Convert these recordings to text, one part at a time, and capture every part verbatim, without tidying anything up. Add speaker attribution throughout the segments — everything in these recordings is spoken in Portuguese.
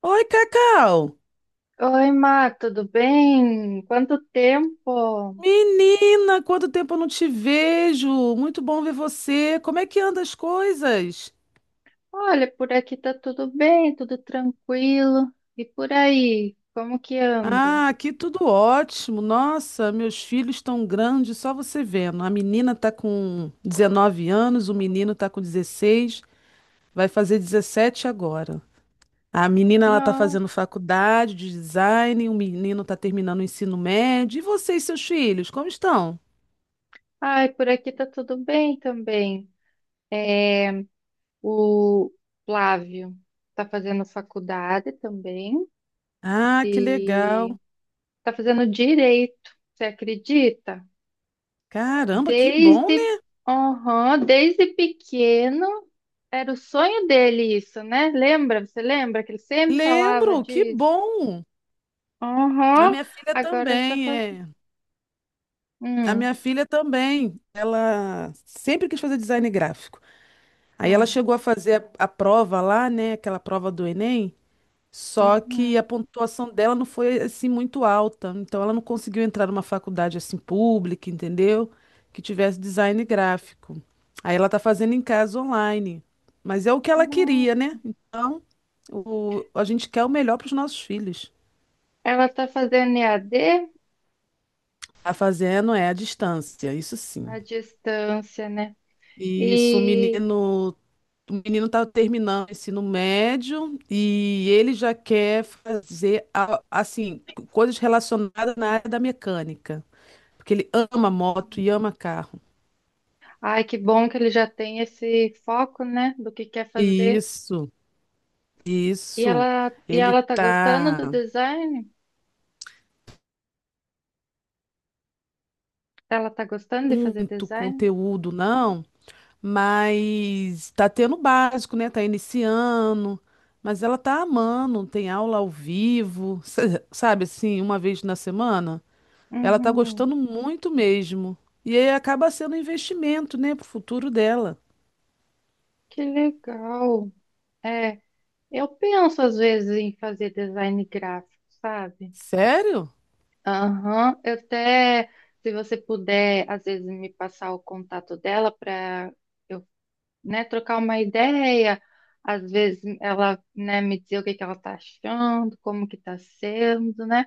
Speaker 1: Oi, Cacau!
Speaker 2: Oi, Má, tudo bem? Quanto tempo?
Speaker 1: Menina, quanto tempo eu não te vejo! Muito bom ver você. Como é que anda as coisas?
Speaker 2: Olha, por aqui tá tudo bem, tudo tranquilo. E por aí, como que anda?
Speaker 1: Ah, aqui tudo ótimo. Nossa, meus filhos estão grandes, só você vendo. A menina tá com dezenove anos, o menino tá com dezesseis, vai fazer dezessete agora. A menina ela tá
Speaker 2: Nossa,
Speaker 1: fazendo faculdade de design, o menino tá terminando o ensino médio. E vocês, seus filhos, como estão?
Speaker 2: ai, por aqui tá tudo bem também. É, o Flávio tá fazendo faculdade também
Speaker 1: Ah, que
Speaker 2: e
Speaker 1: legal.
Speaker 2: tá fazendo direito, você acredita?
Speaker 1: Caramba, que bom,
Speaker 2: Desde,
Speaker 1: né?
Speaker 2: aham, desde pequeno. Era o sonho dele isso, né? Lembra? Você lembra que ele sempre falava
Speaker 1: Lembro, que
Speaker 2: disso?
Speaker 1: bom! A
Speaker 2: Aham,
Speaker 1: minha filha
Speaker 2: agora está
Speaker 1: também,
Speaker 2: fazendo.
Speaker 1: é. A
Speaker 2: Hum,
Speaker 1: minha filha também, ela sempre quis fazer design gráfico. Aí ela
Speaker 2: hum,
Speaker 1: chegou a fazer a, a prova lá, né, aquela prova do Enem, só que a
Speaker 2: uhum.
Speaker 1: pontuação dela não foi assim muito alta, então ela não conseguiu entrar numa faculdade assim pública, entendeu? Que tivesse design gráfico. Aí ela tá fazendo em casa online, mas é o que ela queria,
Speaker 2: Nossa.
Speaker 1: né? Então, o, a gente quer o melhor para os nossos filhos.
Speaker 2: Ela está fazendo E A D
Speaker 1: Tá fazendo é a distância, isso
Speaker 2: à
Speaker 1: sim.
Speaker 2: distância, né?
Speaker 1: E isso, o
Speaker 2: E
Speaker 1: menino, o menino tá terminando o ensino médio e ele já quer fazer a- assim, coisas relacionadas na área da mecânica, porque ele ama moto e ama carro.
Speaker 2: ai, que bom que ele já tem esse foco, né? Do que quer fazer.
Speaker 1: Isso,
Speaker 2: E
Speaker 1: isso.
Speaker 2: ela, e
Speaker 1: Ele
Speaker 2: ela tá gostando do
Speaker 1: tá
Speaker 2: design? Ela tá gostando de fazer
Speaker 1: muito
Speaker 2: design?
Speaker 1: conteúdo, não? Mas tá tendo o básico, né? Tá iniciando, mas ela tá amando, tem aula ao vivo, sa- sabe assim, uma vez na semana. Ela tá
Speaker 2: Uhum.
Speaker 1: gostando muito mesmo. E aí acaba sendo um investimento, né, pro futuro dela.
Speaker 2: Que legal. É. Eu penso às vezes em fazer design gráfico, sabe?
Speaker 1: Sério?
Speaker 2: Aham, eu até, se você puder, às vezes me passar o contato dela para eu, né, trocar uma ideia. Às vezes ela, né, me dizer o que que ela tá achando, como que tá sendo, né?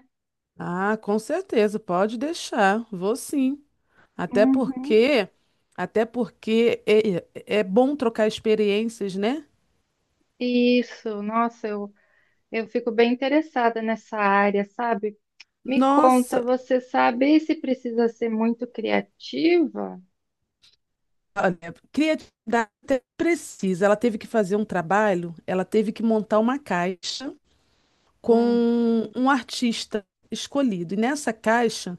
Speaker 1: Ah, com certeza, pode deixar. Vou sim. Até
Speaker 2: Uhum.
Speaker 1: porque, até porque é, é bom trocar experiências, né?
Speaker 2: Isso, nossa, eu, eu fico bem interessada nessa área, sabe? Me conta,
Speaker 1: Nossa,
Speaker 2: você sabe se precisa ser muito criativa?
Speaker 1: criatividade até precisa. Ela teve que fazer um trabalho, ela teve que montar uma caixa
Speaker 2: Hum,
Speaker 1: com um artista escolhido. E nessa caixa,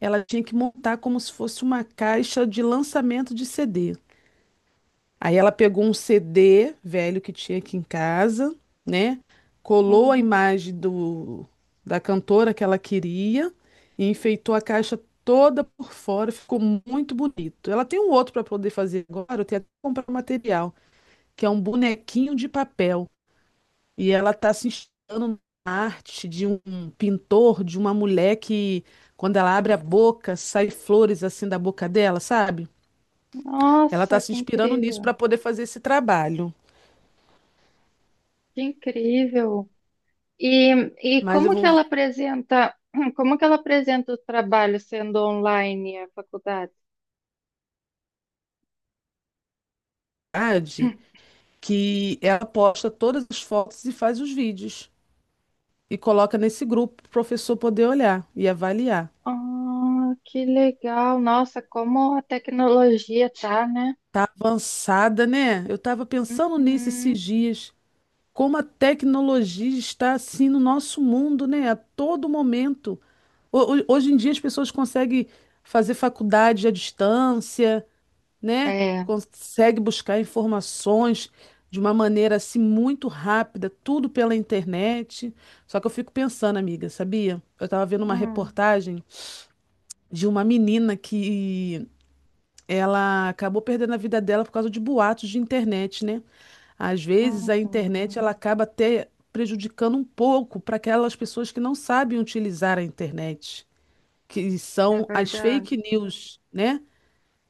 Speaker 1: ela tinha que montar como se fosse uma caixa de lançamento de C D. Aí ela pegou um C D velho que tinha aqui em casa, né? Colou a
Speaker 2: uhum.
Speaker 1: imagem do, da cantora que ela queria e enfeitou a caixa toda por fora, ficou muito bonito. Ela tem um outro para poder fazer agora, eu tenho até que comprar o material que é um bonequinho de papel. E ela está se inspirando na arte de um pintor, de uma mulher que, quando ela abre a boca, sai flores assim da boca dela, sabe? Ela está
Speaker 2: Nossa,
Speaker 1: se
Speaker 2: que
Speaker 1: inspirando nisso
Speaker 2: incrível,
Speaker 1: para poder fazer esse trabalho.
Speaker 2: que incrível. E, e
Speaker 1: Mas eu
Speaker 2: como que
Speaker 1: vou
Speaker 2: ela apresenta, como que ela apresenta o trabalho sendo online a faculdade?
Speaker 1: verdade que ela posta todas as fotos e faz os vídeos e coloca nesse grupo para o professor poder olhar e avaliar.
Speaker 2: Ah, que legal. Nossa, como a tecnologia tá, né?
Speaker 1: Tá avançada, né? Eu estava pensando nisso esses
Speaker 2: Uhum.
Speaker 1: dias. Como a tecnologia está assim no nosso mundo, né? A todo momento. Ho- ho- Hoje em dia as pessoas conseguem fazer faculdade à distância, né?
Speaker 2: É.
Speaker 1: Consegue buscar informações de uma maneira assim muito rápida, tudo pela internet. Só que eu fico pensando, amiga, sabia? Eu estava vendo uma
Speaker 2: Hum,
Speaker 1: reportagem de uma menina que ela acabou perdendo a vida dela por causa de boatos de internet, né? Às vezes a internet
Speaker 2: uhum.
Speaker 1: ela acaba até prejudicando um pouco para aquelas pessoas que não sabem utilizar a internet, que
Speaker 2: É
Speaker 1: são as
Speaker 2: verdade.
Speaker 1: fake news, né?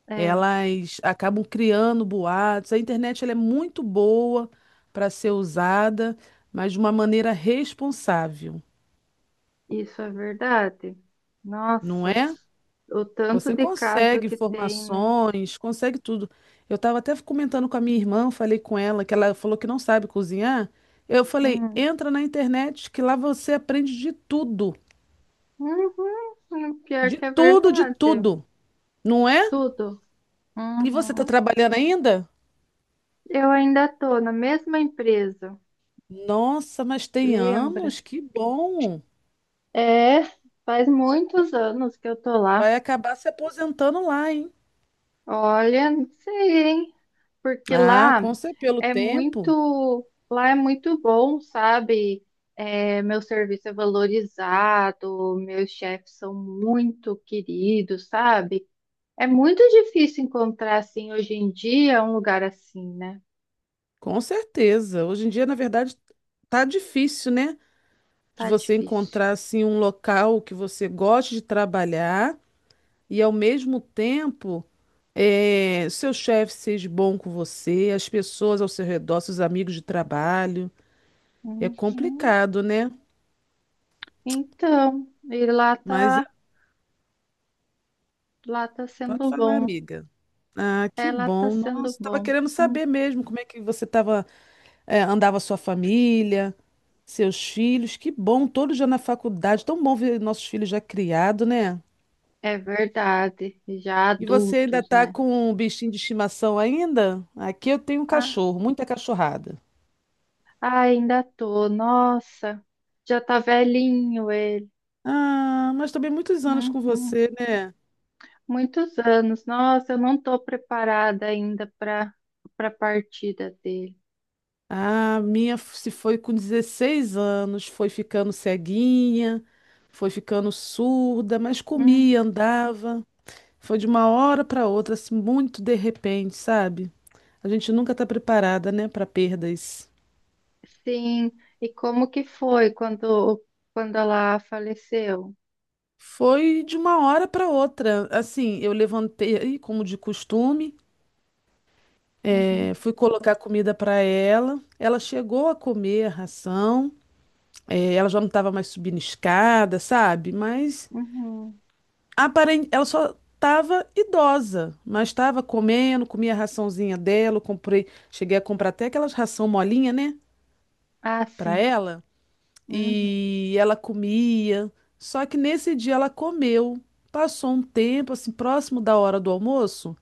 Speaker 2: É,
Speaker 1: Elas acabam criando boatos. A internet ela é muito boa para ser usada, mas de uma maneira responsável,
Speaker 2: isso é verdade.
Speaker 1: não
Speaker 2: Nossa,
Speaker 1: é?
Speaker 2: o tanto
Speaker 1: Você
Speaker 2: de caso
Speaker 1: consegue
Speaker 2: que tem, né?
Speaker 1: informações, consegue tudo. Eu estava até comentando com a minha irmã, falei com ela que ela falou que não sabe cozinhar. Eu falei,
Speaker 2: Hum.
Speaker 1: entra na internet que lá você aprende de tudo,
Speaker 2: Uhum. Pior
Speaker 1: de
Speaker 2: que é
Speaker 1: tudo, de
Speaker 2: verdade.
Speaker 1: tudo, não é?
Speaker 2: Tudo.
Speaker 1: E você está
Speaker 2: Uhum.
Speaker 1: trabalhando ainda?
Speaker 2: Eu ainda tô na mesma empresa,
Speaker 1: Nossa, mas tem
Speaker 2: lembra?
Speaker 1: anos, que bom.
Speaker 2: É, faz muitos anos que eu tô lá.
Speaker 1: Vai acabar se aposentando lá, hein?
Speaker 2: Olha, não sei, hein? Porque
Speaker 1: Ah,
Speaker 2: lá
Speaker 1: com certeza, pelo
Speaker 2: é
Speaker 1: tempo,
Speaker 2: muito, lá é muito bom, sabe? É, meu serviço é valorizado, meus chefes são muito queridos, sabe? É muito difícil encontrar assim hoje em dia um lugar assim, né?
Speaker 1: com certeza. Hoje em dia, na verdade, tá difícil, né? De
Speaker 2: Tá
Speaker 1: você
Speaker 2: difícil.
Speaker 1: encontrar assim um local que você goste de trabalhar e ao mesmo tempo eh, seu chefe seja bom com você, as pessoas ao seu redor, seus amigos de trabalho. É
Speaker 2: Uhum.
Speaker 1: complicado, né?
Speaker 2: Então, e lá
Speaker 1: Mas é-
Speaker 2: tá, lá tá
Speaker 1: Pode
Speaker 2: sendo
Speaker 1: falar,
Speaker 2: bom.
Speaker 1: amiga. Ah,
Speaker 2: É,
Speaker 1: que
Speaker 2: lá tá
Speaker 1: bom. Nossa,
Speaker 2: sendo
Speaker 1: estava
Speaker 2: bom.
Speaker 1: querendo
Speaker 2: Hum,
Speaker 1: saber mesmo como é que você tava, eh, andava a sua família, seus filhos. Que bom, todos já na faculdade. Tão bom ver nossos filhos já criados, né?
Speaker 2: É verdade. Já
Speaker 1: E você ainda
Speaker 2: adultos,
Speaker 1: tá
Speaker 2: né?
Speaker 1: com um bichinho de estimação ainda? Aqui eu tenho um
Speaker 2: Ah,
Speaker 1: cachorro, muita cachorrada.
Speaker 2: ah, ainda tô. Nossa, já tá velhinho ele.
Speaker 1: Ah, mas também muitos anos com
Speaker 2: Uhum.
Speaker 1: você, né?
Speaker 2: Muitos anos. Nossa, eu não tô preparada ainda para para partida dele.
Speaker 1: Ah, a minha f- se foi com dezesseis anos, foi ficando ceguinha, foi ficando surda, mas
Speaker 2: Hum,
Speaker 1: comia, andava. Foi de uma hora para outra, assim, muito de repente, sabe? A gente nunca tá preparada, né, para perdas.
Speaker 2: sim. E como que foi quando quando ela faleceu?
Speaker 1: Foi de uma hora para outra. Assim, eu levantei, como de costume.
Speaker 2: Uhum,
Speaker 1: É, fui colocar comida para ela. Ela chegou a comer a ração. É, ela já não estava mais subindo escada, sabe? Mas
Speaker 2: uhum.
Speaker 1: aparente, ela só estava idosa, mas estava comendo, comia a raçãozinha dela. Eu comprei, cheguei a comprar até aquelas ração molinha, né?
Speaker 2: Ah,
Speaker 1: Para
Speaker 2: sim.
Speaker 1: ela.
Speaker 2: Uhum.
Speaker 1: E ela comia. Só que nesse dia ela comeu. Passou um tempo, assim, próximo da hora do almoço.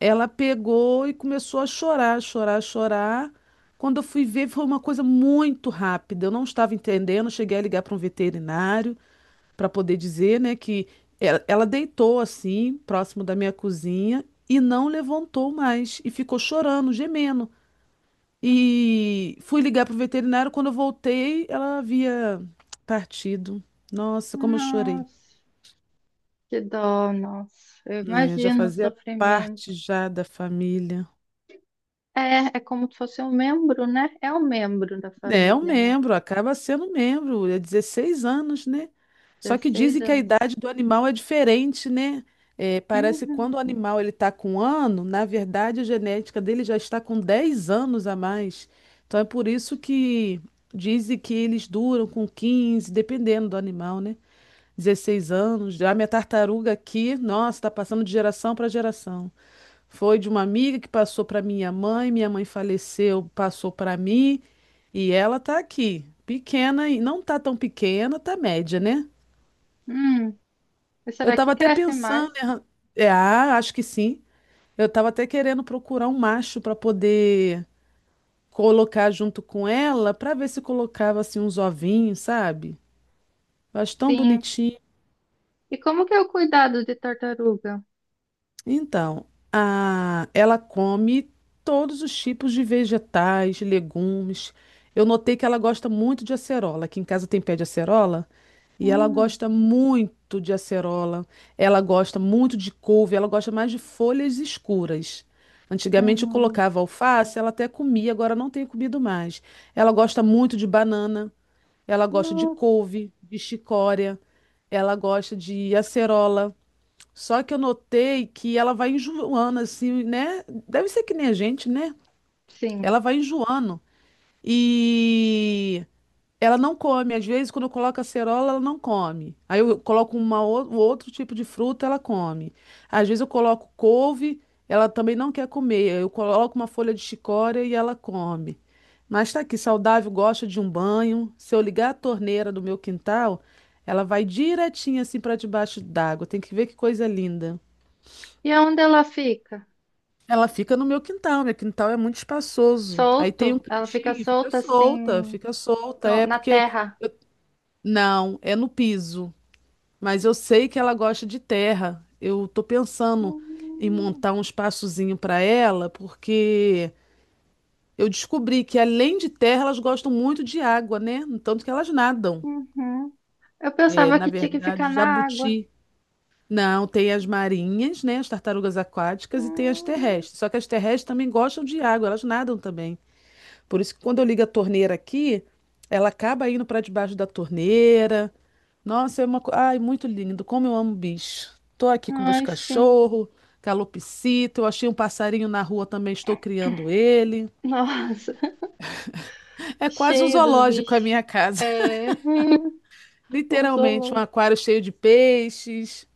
Speaker 1: Ela pegou e começou a chorar, chorar, chorar. Quando eu fui ver, foi uma coisa muito rápida. Eu não estava entendendo. Cheguei a ligar para um veterinário para poder dizer, né, que ela, ela deitou assim, próximo da minha cozinha, e não levantou mais. E ficou chorando, gemendo. E fui ligar para o veterinário. Quando eu voltei, ela havia partido. Nossa, como eu chorei.
Speaker 2: Nossa, que dó, nossa. Eu
Speaker 1: É, já
Speaker 2: imagino o
Speaker 1: fazia parte
Speaker 2: sofrimento.
Speaker 1: já da família.
Speaker 2: É, é como se fosse um membro, né? É um membro da
Speaker 1: É um
Speaker 2: família, né?
Speaker 1: membro, acaba sendo um membro, é dezesseis anos, né? Só que
Speaker 2: Dezesseis
Speaker 1: dizem que a
Speaker 2: anos.
Speaker 1: idade do animal é diferente, né? É, parece que quando
Speaker 2: Uhum.
Speaker 1: o animal ele está com um ano, na verdade a genética dele já está com dez anos a mais. Então é por isso que dizem que eles duram com quinze dependendo do animal, né? Dezesseis anos. Já minha tartaruga aqui, nossa, está passando de geração para geração. Foi de uma amiga que passou para minha mãe, minha mãe faleceu, passou para mim, e ela tá aqui, pequena e não tá tão pequena, tá média, né?
Speaker 2: Hum. E
Speaker 1: Eu
Speaker 2: será que
Speaker 1: tava até
Speaker 2: cresce mais?
Speaker 1: pensando, em arran- é, ah, acho que sim. Eu tava até querendo procurar um macho para poder colocar junto com ela, para ver se colocava assim uns ovinhos, sabe? Eu acho tão
Speaker 2: Sim.
Speaker 1: bonitinho.
Speaker 2: E como que é o cuidado de tartaruga?
Speaker 1: Então, a- ela come todos os tipos de vegetais, legumes. Eu notei que ela gosta muito de acerola. Aqui em casa tem pé de acerola e ela
Speaker 2: Hum.
Speaker 1: gosta muito de acerola. Ela gosta muito de couve, ela gosta mais de folhas escuras. Antigamente eu
Speaker 2: Uhum.
Speaker 1: colocava alface, ela até comia, agora não tem comido mais. Ela gosta muito de banana, ela gosta de
Speaker 2: Nossa.
Speaker 1: couve, de chicória, ela gosta de acerola. Só que eu notei que ela vai enjoando, assim, né? Deve ser que nem a gente, né?
Speaker 2: Sim.
Speaker 1: Ela vai enjoando. E ela não come. Às vezes, quando eu coloco acerola, ela não come. Aí eu coloco uma, ou- um outro tipo de fruta, ela come. Às vezes, eu coloco couve, ela também não quer comer. Eu coloco uma folha de chicória e ela come. Mas tá aqui, saudável, gosta de um banho. Se eu ligar a torneira do meu quintal, ela vai direitinho assim para debaixo d'água. Tem que ver que coisa linda.
Speaker 2: E onde ela fica?
Speaker 1: Ela fica no meu quintal, meu quintal é muito espaçoso. Aí tem um
Speaker 2: Solto? Ela fica
Speaker 1: cantinho, fica
Speaker 2: solta
Speaker 1: solta,
Speaker 2: assim
Speaker 1: fica solta.
Speaker 2: no-
Speaker 1: É
Speaker 2: na
Speaker 1: porque.
Speaker 2: terra?
Speaker 1: Não, é no piso. Mas eu sei que ela gosta de terra. Eu tô pensando em
Speaker 2: Hum.
Speaker 1: montar um espaçozinho para ela, porque eu descobri que além de terra, elas gostam muito de água, né? Tanto que elas nadam.
Speaker 2: Uhum. Eu
Speaker 1: É,
Speaker 2: pensava
Speaker 1: na
Speaker 2: que tinha que ficar
Speaker 1: verdade,
Speaker 2: na água.
Speaker 1: jabuti. Não, tem as marinhas, né? As tartarugas aquáticas e tem as
Speaker 2: Hum,
Speaker 1: terrestres. Só que as terrestres também gostam de água, elas nadam também. Por isso que quando eu ligo a torneira aqui, ela acaba indo para debaixo da torneira. Nossa, é uma coisa. Ai, muito lindo. Como eu amo bicho. Tô aqui com meus
Speaker 2: Ai, sim.
Speaker 1: cachorros, calopsita. Eu achei um passarinho na rua também, estou criando ele.
Speaker 2: Nossa,
Speaker 1: É quase um
Speaker 2: cheia dos
Speaker 1: zoológico a
Speaker 2: bichos.
Speaker 1: minha casa.
Speaker 2: É, um
Speaker 1: Literalmente, um
Speaker 2: zoológico.
Speaker 1: aquário cheio de peixes.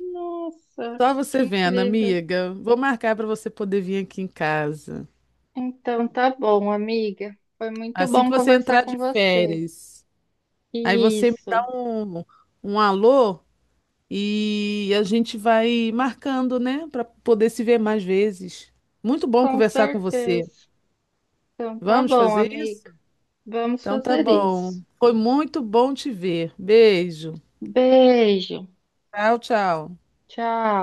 Speaker 2: Nossa,
Speaker 1: Só
Speaker 2: que
Speaker 1: você vendo,
Speaker 2: incrível.
Speaker 1: amiga. Vou marcar para você poder vir aqui em casa.
Speaker 2: Então, tá bom, amiga. Foi muito
Speaker 1: Assim
Speaker 2: bom
Speaker 1: que você
Speaker 2: conversar
Speaker 1: entrar
Speaker 2: com
Speaker 1: de
Speaker 2: você.
Speaker 1: férias. Aí você me dá
Speaker 2: Isso,
Speaker 1: um, um alô e a gente vai marcando, né, para poder se ver mais vezes. Muito bom
Speaker 2: com
Speaker 1: conversar com você.
Speaker 2: certeza. Então, tá
Speaker 1: Vamos
Speaker 2: bom,
Speaker 1: fazer
Speaker 2: amiga.
Speaker 1: isso?
Speaker 2: Vamos
Speaker 1: Então tá
Speaker 2: fazer isso.
Speaker 1: bom. Foi muito bom te ver. Beijo.
Speaker 2: Beijo.
Speaker 1: Tchau, tchau.
Speaker 2: Tchau.